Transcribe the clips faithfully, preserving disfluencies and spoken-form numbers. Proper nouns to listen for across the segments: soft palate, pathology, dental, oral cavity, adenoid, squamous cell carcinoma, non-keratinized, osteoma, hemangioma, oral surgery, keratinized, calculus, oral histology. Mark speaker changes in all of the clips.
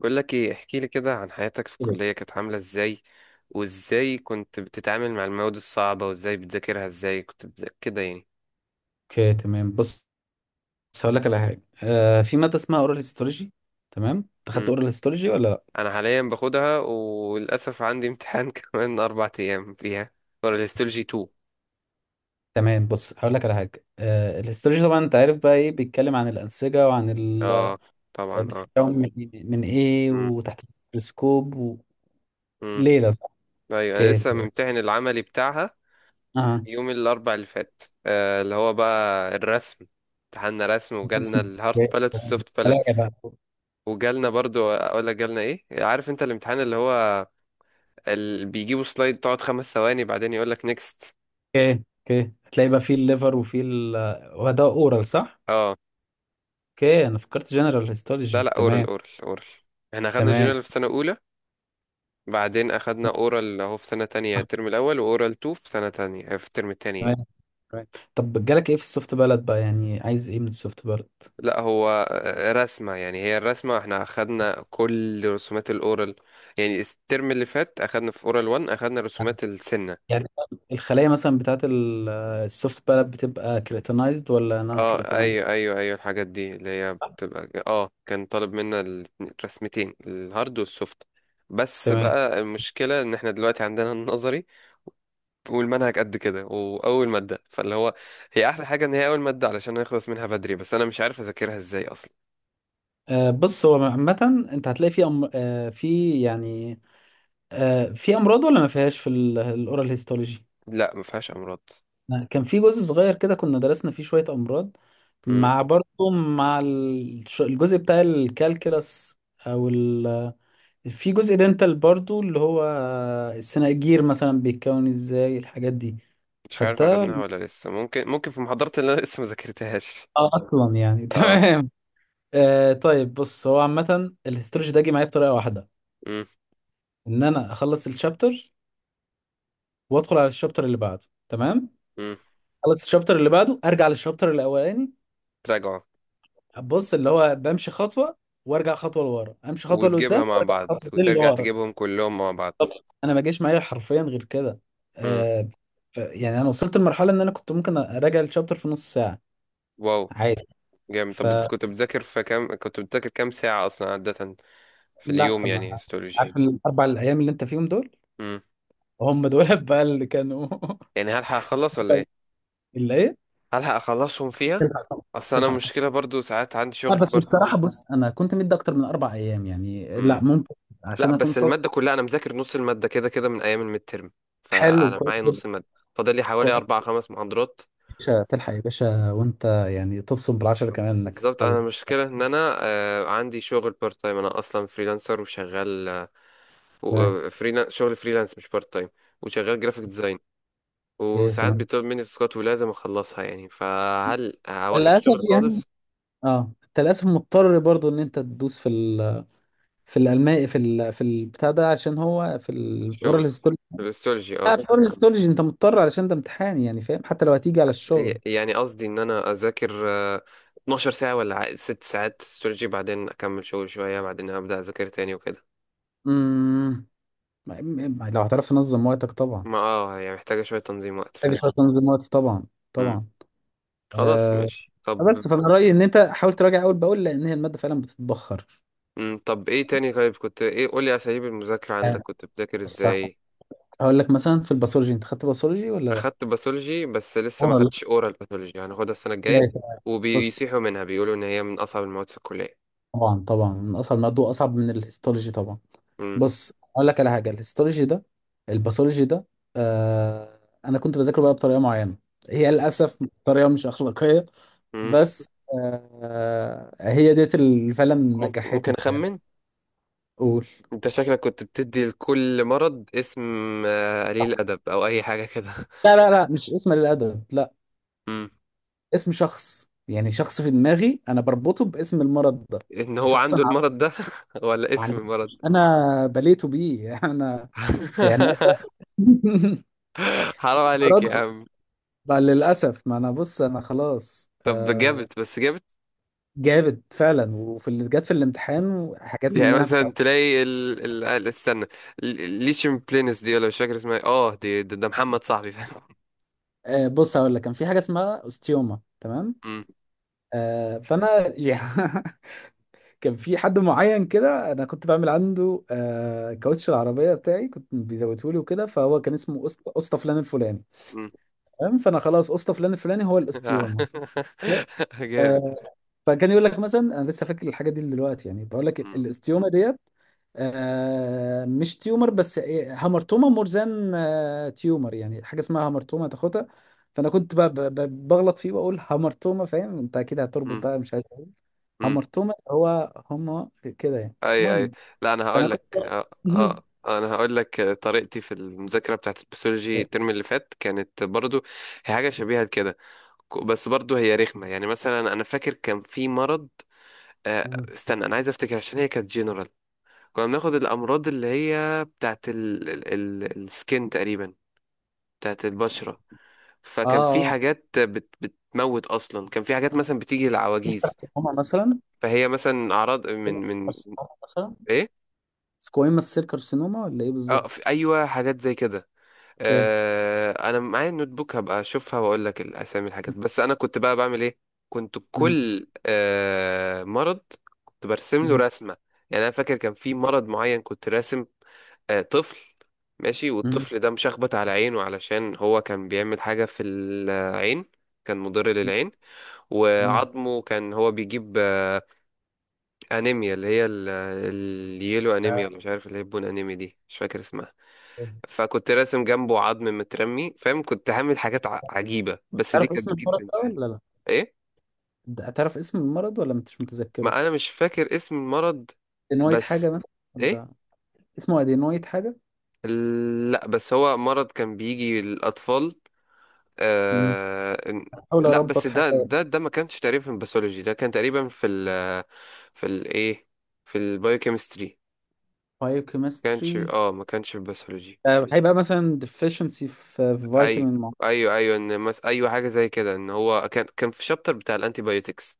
Speaker 1: بقول لك ايه، احكي لي كده عن حياتك في
Speaker 2: اوكي،
Speaker 1: الكلية كانت عاملة ازاي؟ وازاي كنت بتتعامل مع المواد الصعبة، وازاي بتذاكرها؟ ازاي كنت بتذاكر كده يعني؟
Speaker 2: تمام. بص بص هقول لك على حاجه، آه في ماده اسمها اورال هيستولوجي. تمام، انت خدت
Speaker 1: مم.
Speaker 2: اورال هيستولوجي ولا لا؟
Speaker 1: انا حاليا باخدها وللاسف عندي امتحان كمان اربع ايام فيها، ورا الهيستولوجي اتنين.
Speaker 2: تمام، بص هقول لك على حاجه. آه الهيستولوجي طبعا انت عارف بقى، ايه بيتكلم عن الانسجه وعن ال... آه،
Speaker 1: اه، طبعا اه.
Speaker 2: بتتكون من إيه؟ من ايه
Speaker 1: مم.
Speaker 2: وتحت الميكروسكوب
Speaker 1: مم.
Speaker 2: وليله، صح؟
Speaker 1: ايوه، انا
Speaker 2: اوكي،
Speaker 1: لسه
Speaker 2: تمام.
Speaker 1: ممتحن العملي بتاعها.
Speaker 2: اه،
Speaker 1: يوم الاربع اللي فات، آه اللي هو بقى الرسم. امتحاننا رسم،
Speaker 2: بس-
Speaker 1: وجالنا الهارد باليت والسوفت باليت.
Speaker 2: هلاقي بقى اوكي.
Speaker 1: وجالنا برضو، اقول لك جالنا ايه، عارف انت الامتحان اللي هو ال... بيجيبوا سلايد تقعد خمس ثواني بعدين يقول لك نيكست.
Speaker 2: اوكي، هتلاقي بقى في الليفر وفي ال... آه، وده اورال، صح؟
Speaker 1: اه.
Speaker 2: اوكي، انا فكرت جنرال
Speaker 1: لا،
Speaker 2: هيستولوجي.
Speaker 1: لا، اورال،
Speaker 2: تمام،
Speaker 1: اورال، اورال. احنا اخدنا جنرال في سنة اولى، بعدين اخدنا
Speaker 2: تمام.
Speaker 1: اورال اهو في سنة تانية الترم الاول، واورال اتنين في سنة تانية، آه، في الترم التاني يعني.
Speaker 2: right. طب، جالك ايه في السوفت بلد بقى؟ يعني عايز ايه من السوفت بلد؟
Speaker 1: لا، هو آه، رسمة يعني، هي الرسمة احنا اخدنا كل رسومات الاورال. يعني الترم اللي فات اخدنا في اورال واحد، اخدنا رسومات السنة.
Speaker 2: يعني الخلايا مثلا بتاعت ال- السوفت بلد بتبقى كريتينايزد ولا نون
Speaker 1: اه،
Speaker 2: كريتينايزد؟
Speaker 1: ايوه، ايوه، ايوه، الحاجات دي اللي هي بتبقى اه كان طالب منا الاتنين- الرسمتين الهارد والسوفت. بس
Speaker 2: تمام.
Speaker 1: بقى المشكلة ان احنا دلوقتي عندنا النظري، والمنهج قد كده، واول مادة فاللي هو. هي احلى حاجة ان هي اول مادة علشان نخلص منها بدري، بس انا مش عارف اذاكرها ازاي اصلا.
Speaker 2: آه بص، هو عامة انت هتلاقي في أم... آه في يعني آه في امراض ولا ما فيهاش في الاورال هيستولوجي؟
Speaker 1: لا، ما فيهاش امراض.
Speaker 2: كان في جزء صغير كده كنا درسنا فيه شوية امراض،
Speaker 1: مم.
Speaker 2: مع برضه مع الش- الجزء بتاع الكالكلس، او في جزء دنتال برضو اللي هو السناجير مثلا بيتكون ازاي، الحاجات دي.
Speaker 1: مش عارف
Speaker 2: خدتها
Speaker 1: اخدناها
Speaker 2: ولا-
Speaker 1: ولا لسه، ممكن ممكن في محاضرات اللي انا لسه ما ذاكرتهاش.
Speaker 2: اه، اصلا يعني
Speaker 1: اه.
Speaker 2: تمام. آه طيب، بص، هو عامة الهيستولوجي ده جه معايا بطريقة واحدة:
Speaker 1: مم.
Speaker 2: ان انا اخلص الشابتر وادخل على الشابتر اللي بعده. تمام،
Speaker 1: مم.
Speaker 2: اخلص الشابتر اللي بعده، ارجع للشابتر الاولاني.
Speaker 1: تراجعوا.
Speaker 2: بص اللي هو، بمشي خطوة وارجع خطوة لورا، امشي خطوة
Speaker 1: وتجيبها
Speaker 2: لقدام
Speaker 1: مع
Speaker 2: وارجع
Speaker 1: بعض،
Speaker 2: خطوتين
Speaker 1: وترجع
Speaker 2: لورا.
Speaker 1: تجيبهم كلهم مع بعض.
Speaker 2: طب انا ما جاش معايا حرفيا غير كده.
Speaker 1: مم.
Speaker 2: آه ف- يعني انا وصلت لمرحلة ان انا كنت ممكن اراجع الشابتر في نص ساعة،
Speaker 1: واو.
Speaker 2: عادي.
Speaker 1: جامد. طب بت-
Speaker 2: فلا،
Speaker 1: كنت بتذاكر في كام كنت بتذاكر كام ساعة أصلا عادة، في
Speaker 2: ما
Speaker 1: اليوم يعني، هيستولوجي؟
Speaker 2: عارف. طيب، الاربع الايام اللي انت فيهم دول،
Speaker 1: امم.
Speaker 2: هم دول بقى اللي كانوا
Speaker 1: يعني هلحق أخلص ولا إيه؟
Speaker 2: اللي ايه.
Speaker 1: هلحق أخلصهم فيها.
Speaker 2: تلحق طبعا،
Speaker 1: أصل أنا
Speaker 2: تلحق
Speaker 1: المشكلة
Speaker 2: طبعا.
Speaker 1: برضو ساعات عندي
Speaker 2: لا
Speaker 1: شغل
Speaker 2: بس
Speaker 1: بارت.
Speaker 2: بصراحه، بص انا كنت مدي اكتر من اربع ايام يعني، لا
Speaker 1: امم.
Speaker 2: ممكن،
Speaker 1: لا،
Speaker 2: عشان اكون
Speaker 1: بس
Speaker 2: صادق.
Speaker 1: المادة كلها، أنا مذاكر نص المادة كده كده من أيام الميد ترم.
Speaker 2: حلو،
Speaker 1: فأنا
Speaker 2: كويس
Speaker 1: معايا
Speaker 2: جدا.
Speaker 1: نص المادة. فاضل لي حوالي
Speaker 2: كويس.
Speaker 1: أربع خمس محاضرات.
Speaker 2: يا باشا تلحق، يا باشا، وانت يعني تبصم بالعشرة كمان انك
Speaker 1: بالظبط،
Speaker 2: تطلع.
Speaker 1: أنا المشكلة إن أنا آه عندي شغل بارت تايم، أنا أصلا فريلانسر وشغال آه و-
Speaker 2: تمام.
Speaker 1: آه، فريلان... شغل فريلانس مش بارت تايم. وشغال جرافيك ديزاين.
Speaker 2: ايه،
Speaker 1: وساعات
Speaker 2: تمام.
Speaker 1: بيطلب مني تاسكات ولازم اخلصها يعني، فهل هوقف
Speaker 2: للاسف
Speaker 1: شغل
Speaker 2: يعني.
Speaker 1: خالص؟
Speaker 2: اه، انت للاسف مضطر برضو ان انت تدوس في ال، في الالماني، في ال في البتاع ده، عشان هو في الاورال.
Speaker 1: الشغل. الاستولوجي،
Speaker 2: لا،
Speaker 1: اه.
Speaker 2: الحوار الاستولوجي انت مضطر، علشان ده امتحان يعني، فاهم؟ حتى لو هتيجي على
Speaker 1: ي-
Speaker 2: الشغل.
Speaker 1: يعني قصدي ان انا اذاكر آه، 12 ساعة ولا ع- ست ساعات استولوجي، بعدين اكمل شغل شوية، بعدين هبدأ اذاكر تاني وكده.
Speaker 2: امم ما- ما- لو هتعرف تنظم وقتك طبعا.
Speaker 1: ما اه يعني محتاجة شوية تنظيم وقت
Speaker 2: محتاج
Speaker 1: فعلا.
Speaker 2: شويه تنظيم وقت، طبعا،
Speaker 1: امم.
Speaker 2: طبعا.
Speaker 1: خلاص،
Speaker 2: آه
Speaker 1: ماشي،
Speaker 2: بس
Speaker 1: طب.
Speaker 2: فانا رايي ان انت حاول تراجع اول باول، لان هي الماده فعلا بتتبخر.
Speaker 1: مم. طب ايه تاني؟ طيب كنت ايه، قولي اساليب المذاكرة عندك،
Speaker 2: آه،
Speaker 1: كنت بتذاكر
Speaker 2: بص
Speaker 1: ازاي؟
Speaker 2: هقول لك مثلا في الباثولوجي، انت خدت باثولوجي ولا لا؟
Speaker 1: اخدت باثولوجي، بس لسه ما
Speaker 2: اه، لا.
Speaker 1: اخدتش اورال باثولوجي، هناخدها السنه الجايه.
Speaker 2: اوكي، تمام. بص،
Speaker 1: وبيصيحوا منها، بيقولوا ان هي من اصعب المواد في الكليه.
Speaker 2: طبعا طبعا من اصعب الماده، واصعب من الهيستولوجي طبعا.
Speaker 1: مم.
Speaker 2: بص اقول لك على حاجه، الهيستولوجي ده، الباثولوجي ده، آه انا كنت بذاكره بقى بطريقه معينه. هي للاسف طريقه مش اخلاقيه،
Speaker 1: مم.
Speaker 2: بس آه هي ديت اللي فعلا
Speaker 1: مم- ممكن
Speaker 2: نجحتني في
Speaker 1: اخمن،
Speaker 2: الآخر. قول.
Speaker 1: انت شكلك كنت بتدي لكل مرض اسم. آه، قليل ادب او اي حاجه كده
Speaker 2: لا لا لا، مش اسم للأدب، لا.
Speaker 1: مم.
Speaker 2: اسم شخص يعني، شخص في دماغي أنا بربطه باسم المرض ده.
Speaker 1: ان هو
Speaker 2: شخص أنا
Speaker 1: عنده المرض ده. ولا اسم
Speaker 2: عارفه.
Speaker 1: المرض؟
Speaker 2: أنا بليته بيه أنا يعني
Speaker 1: حرام عليك
Speaker 2: مرض
Speaker 1: يا عم.
Speaker 2: بقى للأسف. ما أنا بص، أنا خلاص
Speaker 1: طب
Speaker 2: آه
Speaker 1: جابت، بس جابت.
Speaker 2: جابت فعلا، وفي اللي جت في الامتحان حاجات من اللي
Speaker 1: يعني
Speaker 2: انا كنت.
Speaker 1: مثلا تلاقي ال... ال... ال- استنى، ال- الليشيم بلينس دي، ولا مش فاكر اسمها إيه. اه، دي ده, ده محمد صاحبي، فاهم.
Speaker 2: آه، بص هقول لك، كان في حاجه اسمها استيوما. تمام. آه فانا يعني كان في حد معين كده انا كنت بعمل عنده، آه كاوتش العربيه بتاعي كنت بيزوته لي وكده، فهو كان اسمه اسطى، اسطى فلان الفلاني.
Speaker 1: مم.
Speaker 2: تمام، فانا خلاص اسطى فلان الفلاني هو الاستيوما.
Speaker 1: جامد.
Speaker 2: فكان يقول لك مثلا، انا لسه فاكر الحاجه دي دلوقتي يعني، بقول لك ال-
Speaker 1: مم.
Speaker 2: الاستيومه ديت. آه مش تيومر، بس إيه، هامرتوما مرزان، آه تيومر يعني، حاجه اسمها هامرتوما تاخدها. فانا كنت ب- ب- ب- بغلط فيه واقول هامرتوما، فاهم؟ انت اكيد هتربط
Speaker 1: مم.
Speaker 2: بقى، مش عارف.
Speaker 1: مم.
Speaker 2: هامرتوما هو، هما كده يعني،
Speaker 1: اي، اي.
Speaker 2: المهم.
Speaker 1: لا، انا
Speaker 2: فانا
Speaker 1: هقول
Speaker 2: كنت
Speaker 1: لك آه، آه، انا هقول لك طريقتي في المذاكره بتاعت البسيولوجي الترم اللي فات، كانت برضو هي حاجه شبيهه كده. ك- بس برضو هي رخمه، يعني مثلا انا فاكر كان في مرض، آه،
Speaker 2: مم.
Speaker 1: استنى انا عايز افتكر، عشان هي كانت جنرال. كنا بناخد الامراض اللي هي بتاعت ال ال ال السكين تقريبا، بتاعت البشره.
Speaker 2: اه،
Speaker 1: فكان في
Speaker 2: اه.
Speaker 1: حاجات بت بتموت اصلا، كان في حاجات مثلا بتيجي للعواجيز.
Speaker 2: كارسينوما مثلا.
Speaker 1: فهي مثلا اعراض من من
Speaker 2: كارسينوما مثلا.
Speaker 1: ايه.
Speaker 2: سكويموس سيل كارسينوما ولا ايه
Speaker 1: اه، في،
Speaker 2: بالظبط؟
Speaker 1: ايوه، حاجات زي كده.
Speaker 2: اوكي.
Speaker 1: آه، انا معايا النوت بوك، هبقى اشوفها واقول لك الاسامي الحاجات، بس انا كنت بقى بعمل ايه، كنت
Speaker 2: مهم.
Speaker 1: كل آه مرض كنت برسم له
Speaker 2: مهم.
Speaker 1: رسمه. يعني انا فاكر كان في مرض معين كنت راسم آه طفل، ماشي،
Speaker 2: مهم.
Speaker 1: والطفل ده مشخبط على عينه، علشان هو كان بيعمل حاجه في العين، كان مضر للعين.
Speaker 2: تمام.
Speaker 1: وعظمه كان هو بيجيب آه، انيميا اللي هي ال- اليلو
Speaker 2: ده-
Speaker 1: انيميا، ولا مش عارف، اللي هي البون انيميا دي، مش فاكر اسمها. فكنت راسم جنبه عظم مترمي، فاهم، كنت هعمل حاجات ع- عجيبة، بس دي
Speaker 2: تعرف
Speaker 1: كانت
Speaker 2: اسم
Speaker 1: بتجيب في
Speaker 2: المرض ده
Speaker 1: الامتحان.
Speaker 2: ولا لا؟
Speaker 1: ايه.
Speaker 2: ده- تعرف اسم المرض ولا مش متذكره؟
Speaker 1: ما انا مش فاكر اسم المرض.
Speaker 2: ادينويد
Speaker 1: بس.
Speaker 2: حاجة مثلا،
Speaker 1: ايه.
Speaker 2: ولا اسمه ادينويد حاجة؟
Speaker 1: لا، بس هو مرض كان بيجي للاطفال.
Speaker 2: مم.
Speaker 1: آه...
Speaker 2: بحاول
Speaker 1: لا، بس
Speaker 2: اربط حاجة.
Speaker 1: ده ده ده ما كانش تقريبا في الباثولوجي، ده كان تقريبا في ال، في الايه، في البايوكيمستري. ما كانش
Speaker 2: بايوكيمستري.
Speaker 1: اه ما كانش في الباثولوجي.
Speaker 2: هيبقى مثلا deficiency في في
Speaker 1: ايوه،
Speaker 2: فيتامين معين.
Speaker 1: ايوه، ايوه، ان مس... ايوه حاجه زي كده، ان هو كان كان في شابتر بتاع الانتيبيوتكس.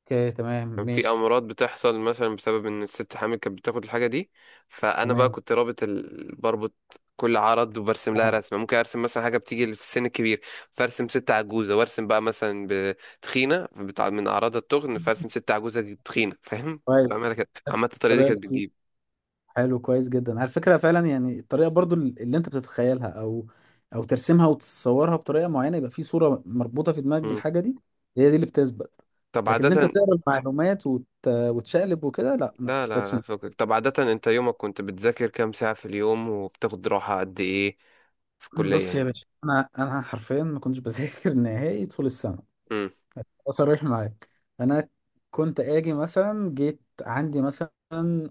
Speaker 2: اوكي، تمام،
Speaker 1: كان في
Speaker 2: ماشي.
Speaker 1: امراض بتحصل مثلا بسبب ان الست حامل كانت بتاخد الحاجه دي. فانا بقى
Speaker 2: تمام.
Speaker 1: كنت رابط ال... بربط كل عرض وبرسم لها
Speaker 2: آه،
Speaker 1: رسمه، ممكن ارسم مثلا حاجه بتيجي في السن الكبير، فارسم ست عجوزه، وارسم بقى مثلا بتخينه بتاع من اعراض التخن، فارسم ست عجوزه تخينه، فاهم، كنت
Speaker 2: كويس.
Speaker 1: بعملها كده، عامه الطريقه دي كانت
Speaker 2: طريقة
Speaker 1: بتجيب.
Speaker 2: حلو، كويس جدا، على فكرة. فعلا يعني الطريقة برضو اللي انت بتتخيلها او او ترسمها وتصورها بطريقة معينة، يبقى في صورة مربوطة في دماغك
Speaker 1: مم.
Speaker 2: بالحاجة دي، هي دي اللي بتثبت.
Speaker 1: طب
Speaker 2: لكن ان انت
Speaker 1: عاده.
Speaker 2: تقرا المعلومات وت... وتشقلب وكده، لا، ما
Speaker 1: لا، لا،
Speaker 2: بتثبتش.
Speaker 1: لا، فكك، طب عادة انت يومك كنت بتذاكر كام ساعة في اليوم، وبتاخد راحة قد ايه، في الكلية
Speaker 2: بص يا
Speaker 1: هنا؟
Speaker 2: باشا، انا انا حرفيا ما كنتش بذاكر نهائي طول السنة.
Speaker 1: امم.
Speaker 2: صريح معاك، انا كنت اجي مثلا، جيت عندي مثلا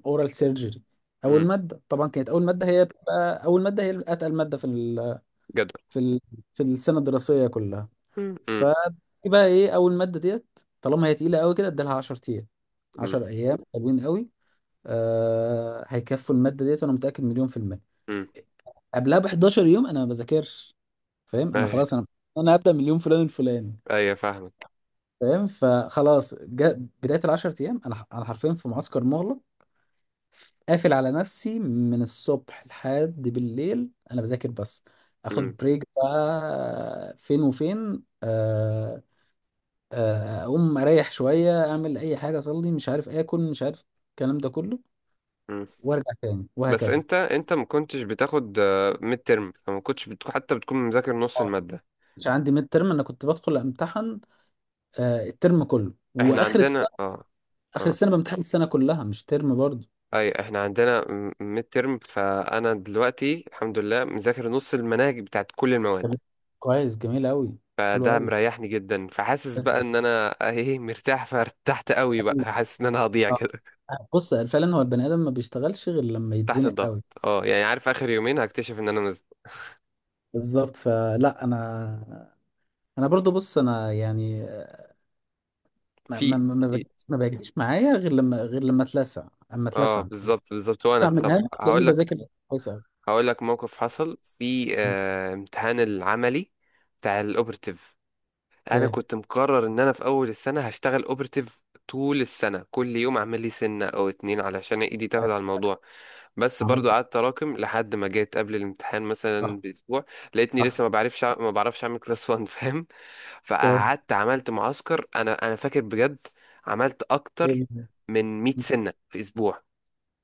Speaker 2: اورال سيرجري، اول
Speaker 1: امم.
Speaker 2: مادة طبعا كانت، اول مادة هي بتبقى، اول مادة هي اتقل مادة في
Speaker 1: جدول.
Speaker 2: في ال... في السنه الدراسيه كلها.
Speaker 1: امم. امم.
Speaker 2: فدي بقى ايه، اول ماده ديت طالما هي تقيله قوي كده، ادالها 10 ايام.
Speaker 1: امم.
Speaker 2: 10 ايام حلوين قوي، آه... هيكفوا الماده ديت، وانا متاكد مليون في الميه.
Speaker 1: امم.
Speaker 2: قبلها ب 11 يوم انا ما بذاكرش، فاهم؟ انا
Speaker 1: ايوه.
Speaker 2: خلاص، انا انا هبدا من اليوم فلان الفلاني،
Speaker 1: ايوه، فاهمك.
Speaker 2: فاهم؟ فخلاص، جا... بدايه ال 10 ايام، انا ح- انا حرفيا في معسكر مغلق، قافل على نفسي من الصبح لحد بالليل، انا بذاكر بس.
Speaker 1: امم.
Speaker 2: اخد بريك بقى فين وفين، آه آه، اقوم اريح شويه، اعمل اي حاجه، اصلي، مش عارف، اكل، مش عارف، الكلام ده كله،
Speaker 1: امم.
Speaker 2: وارجع تاني
Speaker 1: بس
Speaker 2: وهكذا.
Speaker 1: انت انت ما كنتش بتاخد ميد ترم، فما كنتش بتكون حتى بتكون مذاكر نص
Speaker 2: اه،
Speaker 1: المادة.
Speaker 2: مش عندي ميد ترم، انا كنت بدخل امتحن آه، الترم كله
Speaker 1: احنا
Speaker 2: واخر
Speaker 1: عندنا،
Speaker 2: السنه.
Speaker 1: اه.
Speaker 2: اخر
Speaker 1: اه.
Speaker 2: السنه بامتحن السنه كلها، مش ترم برضه.
Speaker 1: اي، احنا عندنا ميد ترم، فانا دلوقتي الحمد لله مذاكر نص المناهج بتاعت كل المواد.
Speaker 2: طب، كويس، جميل قوي. حلو
Speaker 1: فده
Speaker 2: قوي
Speaker 1: مريحني جدا، فحاسس بقى ان انا، ايه، مرتاح، فارتحت قوي بقى، حاسس ان انا هضيع كده.
Speaker 2: آه. بص فعلا هو البني ادم ما بيشتغلش غير لما
Speaker 1: تحت
Speaker 2: يتزنق
Speaker 1: الضغط،
Speaker 2: قوي.
Speaker 1: اه يعني، عارف اخر يومين هكتشف ان انا مز...
Speaker 2: بالظبط. فلا انا انا برضو، بص انا يعني، ما ما
Speaker 1: في
Speaker 2: ما ما
Speaker 1: في-
Speaker 2: بجيش ما بيجيش معايا غير لما غير لما اتلسع. اما
Speaker 1: اه،
Speaker 2: اتلسع
Speaker 1: بالظبط، بالظبط،
Speaker 2: تسعة
Speaker 1: وانا، طب
Speaker 2: منها تلاقيني
Speaker 1: هقول لك.
Speaker 2: بذاكر كويس أوي.
Speaker 1: هقول لك موقف حصل في آه امتحان العملي بتاع الاوبرتيف. انا
Speaker 2: أوكي،
Speaker 1: كنت مقرر ان انا في اول السنه هشتغل اوبرتيف طول السنه، كل يوم اعمل لي سنه او اتنين علشان ايدي تاخد
Speaker 2: طيب.
Speaker 1: على الموضوع. بس برضو
Speaker 2: عملت إيه؟
Speaker 1: قعدت اراكم لحد ما جيت قبل الامتحان
Speaker 2: صح.
Speaker 1: مثلا باسبوع. لقيتني لسه
Speaker 2: صح.
Speaker 1: ما بعرفش أع- ما بعرفش اعمل كلاس واحد فاهم.
Speaker 2: أوكي.
Speaker 1: فقعدت عملت معسكر، انا انا فاكر بجد، عملت اكتر
Speaker 2: إيه.
Speaker 1: من 100 سنه في اسبوع.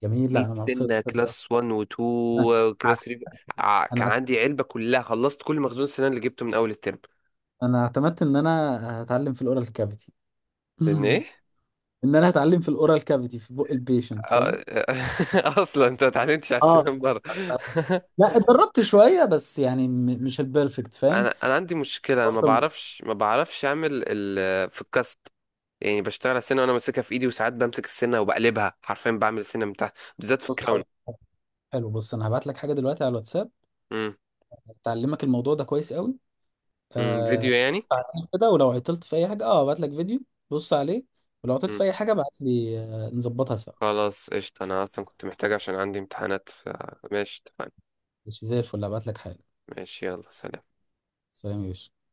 Speaker 2: جميل، لا
Speaker 1: 100
Speaker 2: أنا مبسوط
Speaker 1: سنه،
Speaker 2: كده.
Speaker 1: كلاس واحد و2
Speaker 2: أنا
Speaker 1: وكلاس ثلاثة. ع- كان
Speaker 2: أنا
Speaker 1: عندي علبه كلها خلصت، كل مخزون السنه اللي جبته من اول الترم.
Speaker 2: أنا اعتمدت إن أنا هتعلم في الأورال كافيتي
Speaker 1: لان ايه،
Speaker 2: إن أنا هتعلم في الأورال كافيتي في بق البيشنت، فاهم؟
Speaker 1: آه، اصلا انت ما اتعلمتش على
Speaker 2: اه
Speaker 1: السنان بره.
Speaker 2: لا، اتدربت شويه بس يعني، م- مش البيرفكت، فاهم؟
Speaker 1: انا انا عندي مشكله، انا ما
Speaker 2: بوصل.
Speaker 1: بعرفش ما بعرفش اعمل ال... في الكاست. يعني بشتغل على السنه وانا ماسكها في ايدي، وساعات بمسك السنه وبقلبها حرفيا، بعمل السنه من تحت، بالذات في
Speaker 2: بص
Speaker 1: الكراون.
Speaker 2: حلو. حلو، بص انا هبعت لك حاجه دلوقتي على الواتساب
Speaker 1: امم.
Speaker 2: تعلمك الموضوع ده كويس قوي.
Speaker 1: امم، فيديو
Speaker 2: آه
Speaker 1: يعني.
Speaker 2: ساعتين كده، ولو عطلت في اي حاجه اه ابعت لك فيديو، بص عليه، ولو عطلت
Speaker 1: امم،
Speaker 2: في اي حاجه ابعت لي، آه نظبطها سوا.
Speaker 1: خلاص قشطه، انا اصلا كنت محتاج عشان عندي امتحانات ف... ماشي اتفقنا.
Speaker 2: ماشي، زي الفل، ابعت لك حالا.
Speaker 1: ماشي، يلا، سلام.
Speaker 2: سلام يا باشا.